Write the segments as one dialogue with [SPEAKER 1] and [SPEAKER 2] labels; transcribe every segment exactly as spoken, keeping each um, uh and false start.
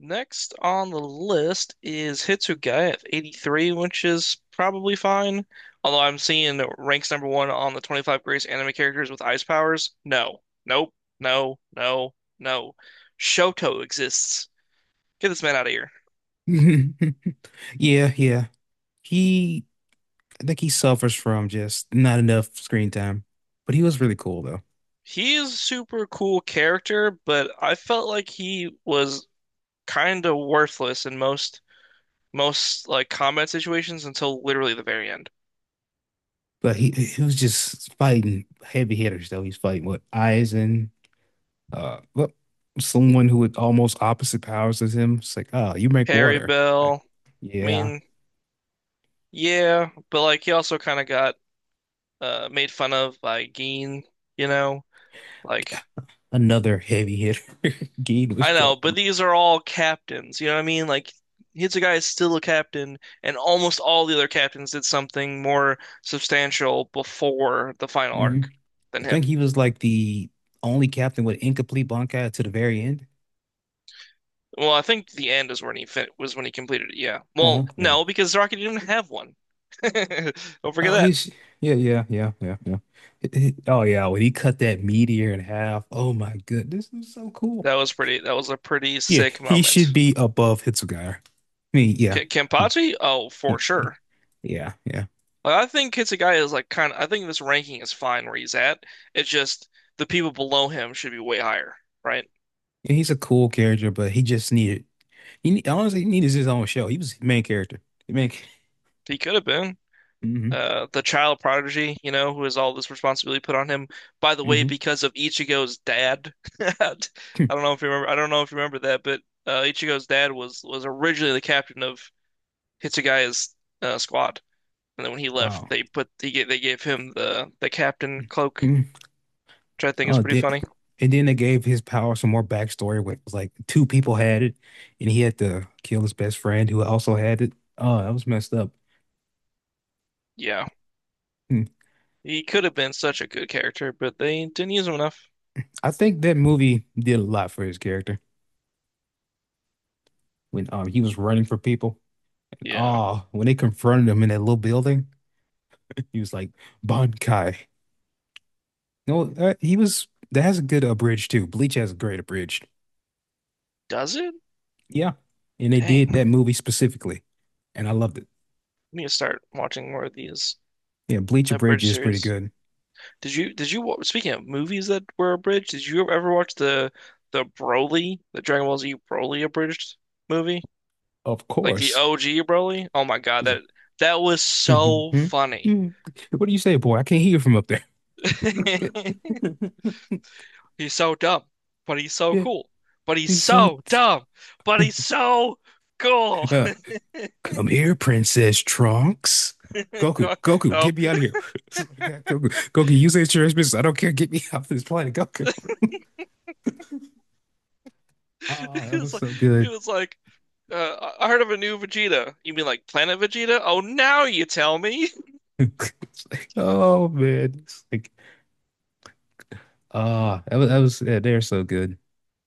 [SPEAKER 1] Next on the list is Hitsugai at eighty-three, which is probably fine. Although I'm seeing it ranks number one on the twenty-five greatest anime characters with ice powers. No. Nope. No. No. No. Shoto exists. Get this man out of here.
[SPEAKER 2] Yeah, yeah. He, I think he suffers from just not enough screen time, but he was really cool though.
[SPEAKER 1] He is a super cool character, but I felt like he was kind of worthless in most most like combat situations until literally the very end.
[SPEAKER 2] But he he was just fighting heavy hitters though. He's fighting with Aizen, uh, well, someone who with almost opposite powers as him. It's like, oh, you make
[SPEAKER 1] Harry
[SPEAKER 2] water. Okay.
[SPEAKER 1] Bell. I
[SPEAKER 2] Yeah,
[SPEAKER 1] mean, yeah, but like he also kind of got uh, made fun of by Geen, you know? Like,
[SPEAKER 2] another heavy hitter. Gein was
[SPEAKER 1] I know, but
[SPEAKER 2] strong.
[SPEAKER 1] these are all captains, you know what I mean? Like, Hitsugai is still a captain, and almost all the other captains did something more substantial before the final
[SPEAKER 2] hmm
[SPEAKER 1] arc than
[SPEAKER 2] I think
[SPEAKER 1] him.
[SPEAKER 2] he was like the only captain with incomplete Bankai to the very end.
[SPEAKER 1] Well, I think the end is when he fin was when he completed it. Yeah.
[SPEAKER 2] Uh-huh.
[SPEAKER 1] Well,
[SPEAKER 2] Yeah,
[SPEAKER 1] no, because Rocket didn't have one. Don't forget
[SPEAKER 2] oh,
[SPEAKER 1] that.
[SPEAKER 2] he's yeah, yeah, yeah, yeah, yeah. It- it- oh yeah, when he cut that meteor in half, oh my good, this is so cool.
[SPEAKER 1] That was pretty. That was a pretty
[SPEAKER 2] Yeah,
[SPEAKER 1] sick
[SPEAKER 2] he should
[SPEAKER 1] moment.
[SPEAKER 2] be above Hitsugaya. I mean, yeah,
[SPEAKER 1] K
[SPEAKER 2] mm,
[SPEAKER 1] Kenpachi? Oh,
[SPEAKER 2] he-
[SPEAKER 1] for
[SPEAKER 2] he-
[SPEAKER 1] sure.
[SPEAKER 2] yeah, yeah.
[SPEAKER 1] Like, I think Hitsugaya is like kind of, I think this ranking is fine where he's at. It's just the people below him should be way higher, right?
[SPEAKER 2] And he's a cool character, but he just needed he ne- honestly he needed his own show. He was the main character. The main.
[SPEAKER 1] He could have been
[SPEAKER 2] hmm
[SPEAKER 1] uh, the child prodigy, you know, who has all this responsibility put on him. By the way,
[SPEAKER 2] hmm
[SPEAKER 1] because of Ichigo's dad, I don't know if you remember. I don't know if you remember that, but uh, Ichigo's dad was was originally the captain of Hitsugaya's uh, squad, and then when he left,
[SPEAKER 2] Wow.
[SPEAKER 1] they put he, they gave him the the captain cloak,
[SPEAKER 2] Mhm.
[SPEAKER 1] which I think is
[SPEAKER 2] Oh,
[SPEAKER 1] pretty
[SPEAKER 2] then,
[SPEAKER 1] funny.
[SPEAKER 2] and then they gave his power some more backstory. Where it was like two people had it, and he had to kill his best friend who also had it. Oh, that was messed up.
[SPEAKER 1] Yeah.
[SPEAKER 2] Hmm.
[SPEAKER 1] He could have been such a good character, but they didn't use him enough.
[SPEAKER 2] I think that movie did a lot for his character when um he was running for people.
[SPEAKER 1] Yeah.
[SPEAKER 2] Oh, when they confronted him in that little building, he was like Bankai. No, uh, he was that has a good abridged too. Bleach has a great abridged.
[SPEAKER 1] Does it?
[SPEAKER 2] Yeah, and they
[SPEAKER 1] Dang.
[SPEAKER 2] did
[SPEAKER 1] I
[SPEAKER 2] that movie specifically, and I loved it.
[SPEAKER 1] need to start watching more of these
[SPEAKER 2] Yeah, Bleach abridged
[SPEAKER 1] abridged
[SPEAKER 2] is pretty
[SPEAKER 1] series.
[SPEAKER 2] good.
[SPEAKER 1] Did you did you wa- speaking of movies that were abridged, did you ever watch the the Broly, the Dragon Ball Z Broly abridged movie?
[SPEAKER 2] Of
[SPEAKER 1] Like the
[SPEAKER 2] course.
[SPEAKER 1] O G Broly? Oh my God,
[SPEAKER 2] He's like,
[SPEAKER 1] that that was so funny.
[SPEAKER 2] what do you say, boy? I can't hear from up there.
[SPEAKER 1] He's so dumb, but he's so
[SPEAKER 2] Yeah,
[SPEAKER 1] cool. But he's
[SPEAKER 2] he's so.
[SPEAKER 1] so
[SPEAKER 2] t-
[SPEAKER 1] dumb, but he's so cool.
[SPEAKER 2] uh, come here, Princess Trunks. Goku, Goku,
[SPEAKER 1] No,
[SPEAKER 2] get me out of here. I got Goku, Goku, use the insurance business. I don't care. Get me off this planet, Goku. Oh,
[SPEAKER 1] It
[SPEAKER 2] that
[SPEAKER 1] was
[SPEAKER 2] was
[SPEAKER 1] like
[SPEAKER 2] so
[SPEAKER 1] it
[SPEAKER 2] good.
[SPEAKER 1] was like uh, I heard of a new Vegeta. You mean like Planet Vegeta? Oh, now you tell me.
[SPEAKER 2] It's like, oh man, it's like, ah, that was, that was yeah, they're so good.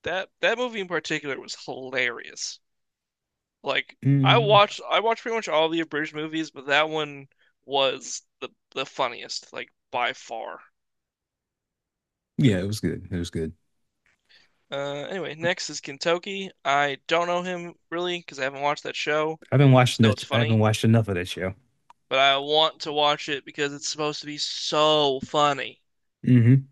[SPEAKER 1] That that movie in particular was hilarious. Like I
[SPEAKER 2] Mm,
[SPEAKER 1] watched I watched pretty much all the abridged movies, but that one was the the funniest, like by far.
[SPEAKER 2] yeah, it was good. It was good.
[SPEAKER 1] Uh, anyway, next is Kentucky. I don't know him really because I haven't watched that show.
[SPEAKER 2] I've been
[SPEAKER 1] I
[SPEAKER 2] watching
[SPEAKER 1] just know
[SPEAKER 2] that.
[SPEAKER 1] it's
[SPEAKER 2] I haven't
[SPEAKER 1] funny,
[SPEAKER 2] watched enough of that show.
[SPEAKER 1] but I want to watch it because it's supposed to be so funny.
[SPEAKER 2] hmm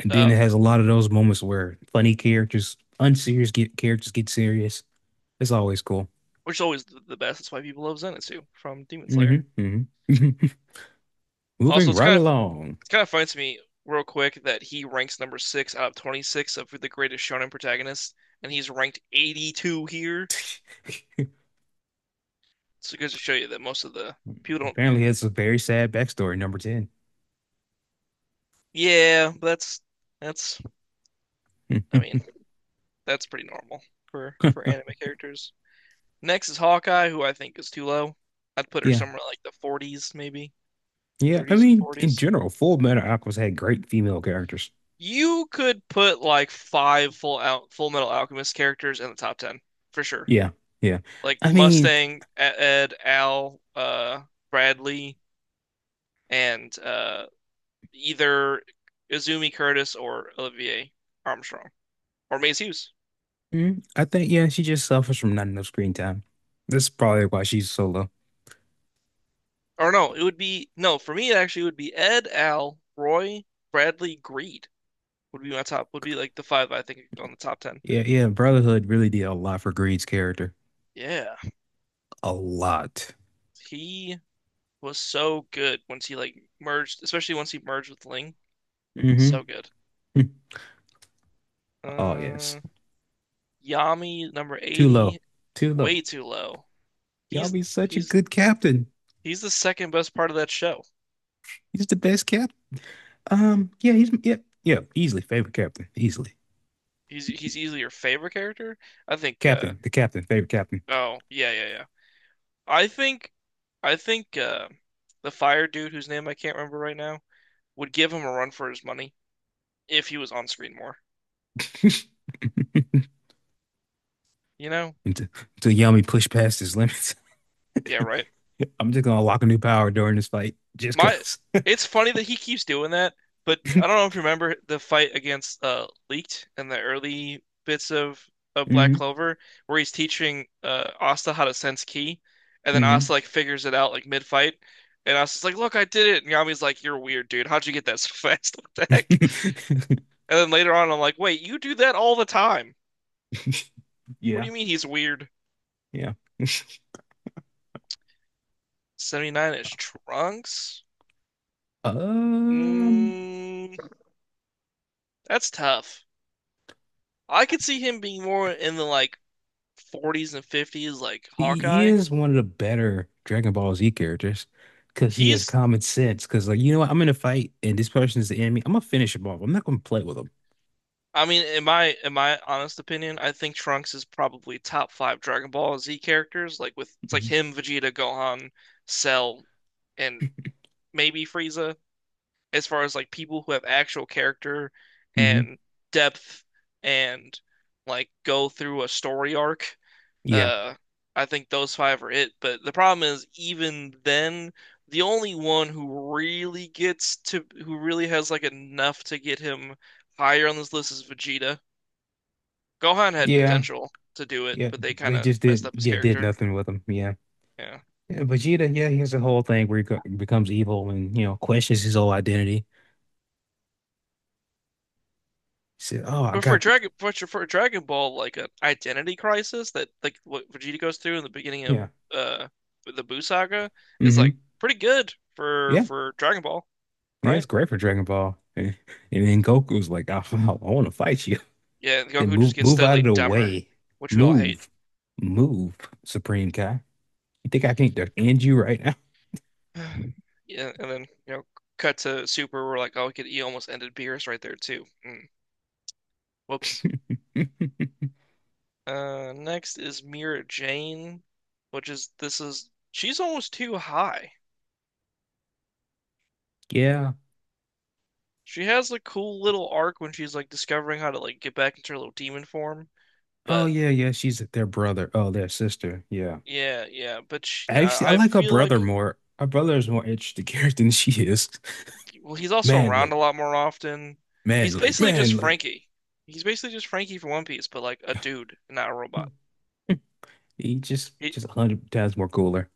[SPEAKER 2] And then
[SPEAKER 1] Uh,
[SPEAKER 2] it has a lot of those moments where funny characters, unserious get characters get serious. It's always cool.
[SPEAKER 1] which is always the best. That's why people love Zenitsu from Demon Slayer.
[SPEAKER 2] hmm hmm
[SPEAKER 1] Also,
[SPEAKER 2] Moving
[SPEAKER 1] it's
[SPEAKER 2] right
[SPEAKER 1] kind of
[SPEAKER 2] along.
[SPEAKER 1] it's kind of funny to me, real quick, that he ranks number six out of twenty-six of the greatest shonen protagonists, and he's ranked eighty-two here. So it goes to show you that most of the people don't.
[SPEAKER 2] Apparently, it's a very sad backstory, number ten.
[SPEAKER 1] Yeah, that's that's. I mean, that's pretty normal for for anime characters. Next is Hawkeye, who I think is too low. I'd put her
[SPEAKER 2] Yeah.
[SPEAKER 1] somewhere like the forties, maybe
[SPEAKER 2] Yeah. I
[SPEAKER 1] thirties and
[SPEAKER 2] mean, in
[SPEAKER 1] forties.
[SPEAKER 2] general, Full Metal Alchemist had great female characters.
[SPEAKER 1] You could put like five full out Full Metal Alchemist characters in the top ten for sure.
[SPEAKER 2] Yeah. Yeah.
[SPEAKER 1] Like
[SPEAKER 2] I mean,
[SPEAKER 1] Mustang, E- Ed, Al, uh, Bradley, and uh, either Izumi Curtis or Olivier Armstrong or Maze Hughes.
[SPEAKER 2] mm, I think, yeah, she just suffers from not enough screen time. That's probably why she's so low.
[SPEAKER 1] Or no, it would be no for me. It actually would be Ed, Al, Roy, Bradley, Greed would be my top. Would be like the five I think on the top ten.
[SPEAKER 2] Yeah. Yeah. Brotherhood really did a lot for Greed's character.
[SPEAKER 1] Yeah,
[SPEAKER 2] A lot.
[SPEAKER 1] he was so good once he like merged, especially once he merged with Ling.
[SPEAKER 2] hmm
[SPEAKER 1] So good.
[SPEAKER 2] Oh, yes.
[SPEAKER 1] Uh, Yami number
[SPEAKER 2] Too low.
[SPEAKER 1] eighty,
[SPEAKER 2] Too low.
[SPEAKER 1] way too low.
[SPEAKER 2] Y'all
[SPEAKER 1] He's
[SPEAKER 2] be such a
[SPEAKER 1] he's
[SPEAKER 2] good captain.
[SPEAKER 1] he's the second best part of that show.
[SPEAKER 2] He's the best captain. Um, yeah, he's, yeah, yeah, easily favorite captain. Easily.
[SPEAKER 1] He's he's easily your favorite character. I think uh
[SPEAKER 2] Captain, the captain, favorite captain.
[SPEAKER 1] Oh, yeah, yeah, yeah. I think I think uh the fire dude whose name I can't remember right now would give him a run for his money if he was on screen more. You know?
[SPEAKER 2] until, until Yami pushed past his limits.
[SPEAKER 1] Yeah, right.
[SPEAKER 2] I'm just gonna unlock a new power during this fight, just
[SPEAKER 1] My,
[SPEAKER 2] because.
[SPEAKER 1] it's funny that he keeps doing that, but I don't know if you remember the fight against uh Leaked in the early bits of of Black
[SPEAKER 2] hmm
[SPEAKER 1] Clover, where he's teaching uh Asta how to sense ki, and then Asta
[SPEAKER 2] hmm
[SPEAKER 1] like figures it out like mid fight, and Asta's like, "Look, I did it," and Yami's like, "You're weird, dude. How'd you get that so fast? What the heck?" And then later on, I'm like, "Wait, you do that all the time? What do
[SPEAKER 2] Yeah,
[SPEAKER 1] you mean he's weird?"
[SPEAKER 2] yeah.
[SPEAKER 1] seventy-nine is Trunks?
[SPEAKER 2] Um,
[SPEAKER 1] Mm, that's tough. I could see him being more in the like forties and fifties like
[SPEAKER 2] he, he
[SPEAKER 1] Hawkeye.
[SPEAKER 2] is one of the better Dragon Ball Z characters because he has
[SPEAKER 1] He's
[SPEAKER 2] common sense. Because like, you know what, I'm in a fight and this person is the enemy. I'm gonna finish him off. I'm not gonna play with him.
[SPEAKER 1] I mean, in my in my honest opinion, I think Trunks is probably top five Dragon Ball Z characters. Like with it's like
[SPEAKER 2] hmm
[SPEAKER 1] him, Vegeta, Gohan, Cell, and maybe Frieza. As far as like people who have actual character
[SPEAKER 2] hmm
[SPEAKER 1] and depth and like go through a story arc,
[SPEAKER 2] Yeah.
[SPEAKER 1] Uh, I think those five are it. But the problem is, even then, the only one who really gets to, who really has like enough to get him higher on this list is Vegeta. Gohan had
[SPEAKER 2] Yeah.
[SPEAKER 1] potential to do it,
[SPEAKER 2] Yeah.
[SPEAKER 1] but they kind
[SPEAKER 2] They
[SPEAKER 1] of
[SPEAKER 2] just
[SPEAKER 1] messed
[SPEAKER 2] did.
[SPEAKER 1] up his
[SPEAKER 2] Yeah, did
[SPEAKER 1] character.
[SPEAKER 2] nothing with him. Yeah.
[SPEAKER 1] Yeah.
[SPEAKER 2] Yeah, Vegeta, yeah, he has a whole thing where he co- becomes evil and, you know, questions his whole identity. He said, "Oh, I
[SPEAKER 1] But for
[SPEAKER 2] got
[SPEAKER 1] Dragon, but for Dragon Ball, like an identity crisis that like what Vegeta goes through in the beginning of
[SPEAKER 2] yeah,
[SPEAKER 1] uh the Buu saga is
[SPEAKER 2] mm-hmm,
[SPEAKER 1] like pretty good for
[SPEAKER 2] yeah,
[SPEAKER 1] for Dragon Ball,
[SPEAKER 2] yeah." It's
[SPEAKER 1] right?
[SPEAKER 2] great for Dragon Ball, and, and then Goku's like, "I, I want to fight you."
[SPEAKER 1] Yeah,
[SPEAKER 2] Then
[SPEAKER 1] Goku just
[SPEAKER 2] move,
[SPEAKER 1] gets
[SPEAKER 2] move out of
[SPEAKER 1] steadily
[SPEAKER 2] the
[SPEAKER 1] dumber,
[SPEAKER 2] way,
[SPEAKER 1] which we all hate.
[SPEAKER 2] move, move, Supreme Kai. You think I can not end you right
[SPEAKER 1] Yeah, and then you know, cut to Super. We're like, oh, he could, he almost ended Beerus right there too. Mm. Whoops.
[SPEAKER 2] now?
[SPEAKER 1] Uh, next is Mira Jane, which is this is she's almost too high.
[SPEAKER 2] Yeah.
[SPEAKER 1] She has a cool little arc when she's like discovering how to like get back into her little demon form.
[SPEAKER 2] Oh
[SPEAKER 1] But
[SPEAKER 2] yeah, yeah. She's their brother. Oh, their sister. Yeah.
[SPEAKER 1] yeah, yeah. But she,
[SPEAKER 2] Actually, I
[SPEAKER 1] I I
[SPEAKER 2] like her
[SPEAKER 1] feel
[SPEAKER 2] brother
[SPEAKER 1] like
[SPEAKER 2] more. Her brother is more interesting character than she is.
[SPEAKER 1] well, he's also around
[SPEAKER 2] Manly,
[SPEAKER 1] a lot more often. He's
[SPEAKER 2] manly,
[SPEAKER 1] basically just
[SPEAKER 2] manly.
[SPEAKER 1] Frankie. He's basically just Frankie from One Piece, but like a dude, not a robot.
[SPEAKER 2] He just
[SPEAKER 1] He,
[SPEAKER 2] just a hundred times more cooler.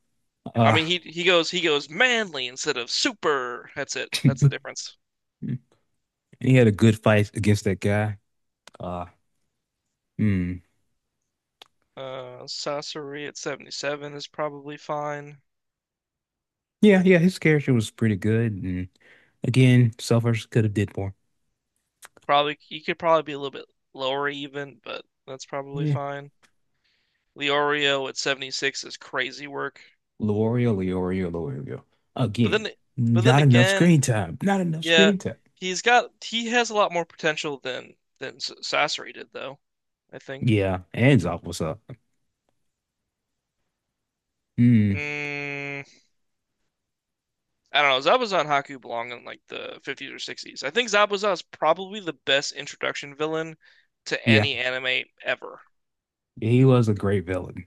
[SPEAKER 1] I
[SPEAKER 2] Uh
[SPEAKER 1] mean, he he goes he goes manly instead of super. That's it. That's the difference.
[SPEAKER 2] he had a good fight against that guy. Uh hmm.
[SPEAKER 1] Uh, Sasori at seventy-seven is probably fine.
[SPEAKER 2] Yeah, yeah, his character was pretty good. And again, suffers could have did more.
[SPEAKER 1] Probably He could probably be a little bit lower even, but that's probably
[SPEAKER 2] Yeah.
[SPEAKER 1] fine. Leorio at seventy-six is crazy work.
[SPEAKER 2] Leorio, Leorio, Leorio.
[SPEAKER 1] But
[SPEAKER 2] Again,
[SPEAKER 1] then but then
[SPEAKER 2] not enough
[SPEAKER 1] again,
[SPEAKER 2] screen time. Not enough
[SPEAKER 1] yeah,
[SPEAKER 2] screen time.
[SPEAKER 1] he's got he has a lot more potential than than S- Sasori did though, I think.
[SPEAKER 2] Yeah, Anzop was up. Hmm.
[SPEAKER 1] Mm, I don't know. Zabuza and Haku belong in like the fifties or sixties. I think Zabuza is probably the best introduction villain to
[SPEAKER 2] Yeah.
[SPEAKER 1] any anime ever.
[SPEAKER 2] He was a great villain.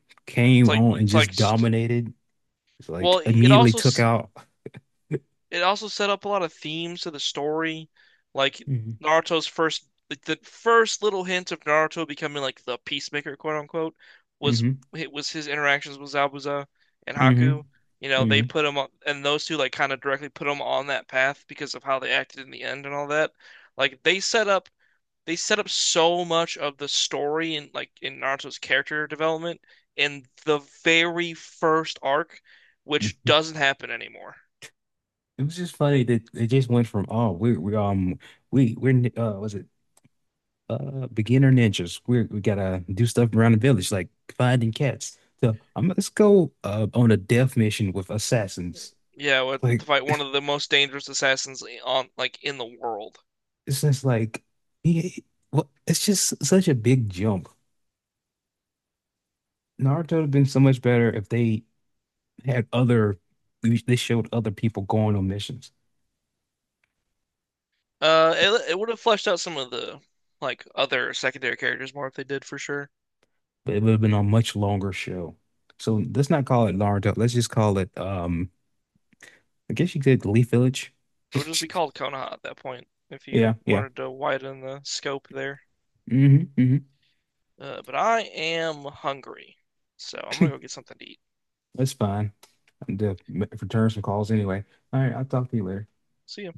[SPEAKER 1] It's
[SPEAKER 2] Came
[SPEAKER 1] like,
[SPEAKER 2] on and
[SPEAKER 1] it's like,
[SPEAKER 2] just dominated. It's like
[SPEAKER 1] well, it
[SPEAKER 2] immediately
[SPEAKER 1] also
[SPEAKER 2] took out.
[SPEAKER 1] it also set up a lot of themes to the story, like
[SPEAKER 2] hmm
[SPEAKER 1] Naruto's first, like the first little hint of Naruto becoming like the peacemaker, quote unquote, was
[SPEAKER 2] hmm
[SPEAKER 1] it was his interactions with Zabuza and Haku.
[SPEAKER 2] hmm
[SPEAKER 1] You know, they put him on, and those two like kind of directly put him on that path because of how they acted in the end and all that. Like they set up, they set up so much of the story and like in Naruto's character development in the very first arc, which
[SPEAKER 2] hmm
[SPEAKER 1] doesn't happen anymore.
[SPEAKER 2] It was just funny that it just went from oh we we um we we're nin- uh was it uh beginner ninjas we we gotta do stuff around the village like finding cats so I'm like, let's go uh on a death mission with assassins
[SPEAKER 1] Yeah, with- to
[SPEAKER 2] like
[SPEAKER 1] fight one of the most dangerous assassins on like in the world.
[SPEAKER 2] it's just like yeah well it's just such a big jump Naruto would have been so much better if they had other they showed other people going on missions
[SPEAKER 1] Uh, it it would have fleshed out some of the like other secondary characters more if they did for sure.
[SPEAKER 2] but it would have been a much longer show so let's not call it Naruto let's just call it um. I guess you could Leaf Village.
[SPEAKER 1] It would just be called Konoha at that point if you
[SPEAKER 2] Yeah, yeah.
[SPEAKER 1] wanted to widen the scope there.
[SPEAKER 2] hmm hmm
[SPEAKER 1] Uh, but I am hungry, so I'm gonna go get something to eat.
[SPEAKER 2] That's fine. I need to return some calls anyway. All right, I'll talk to you later.
[SPEAKER 1] See ya.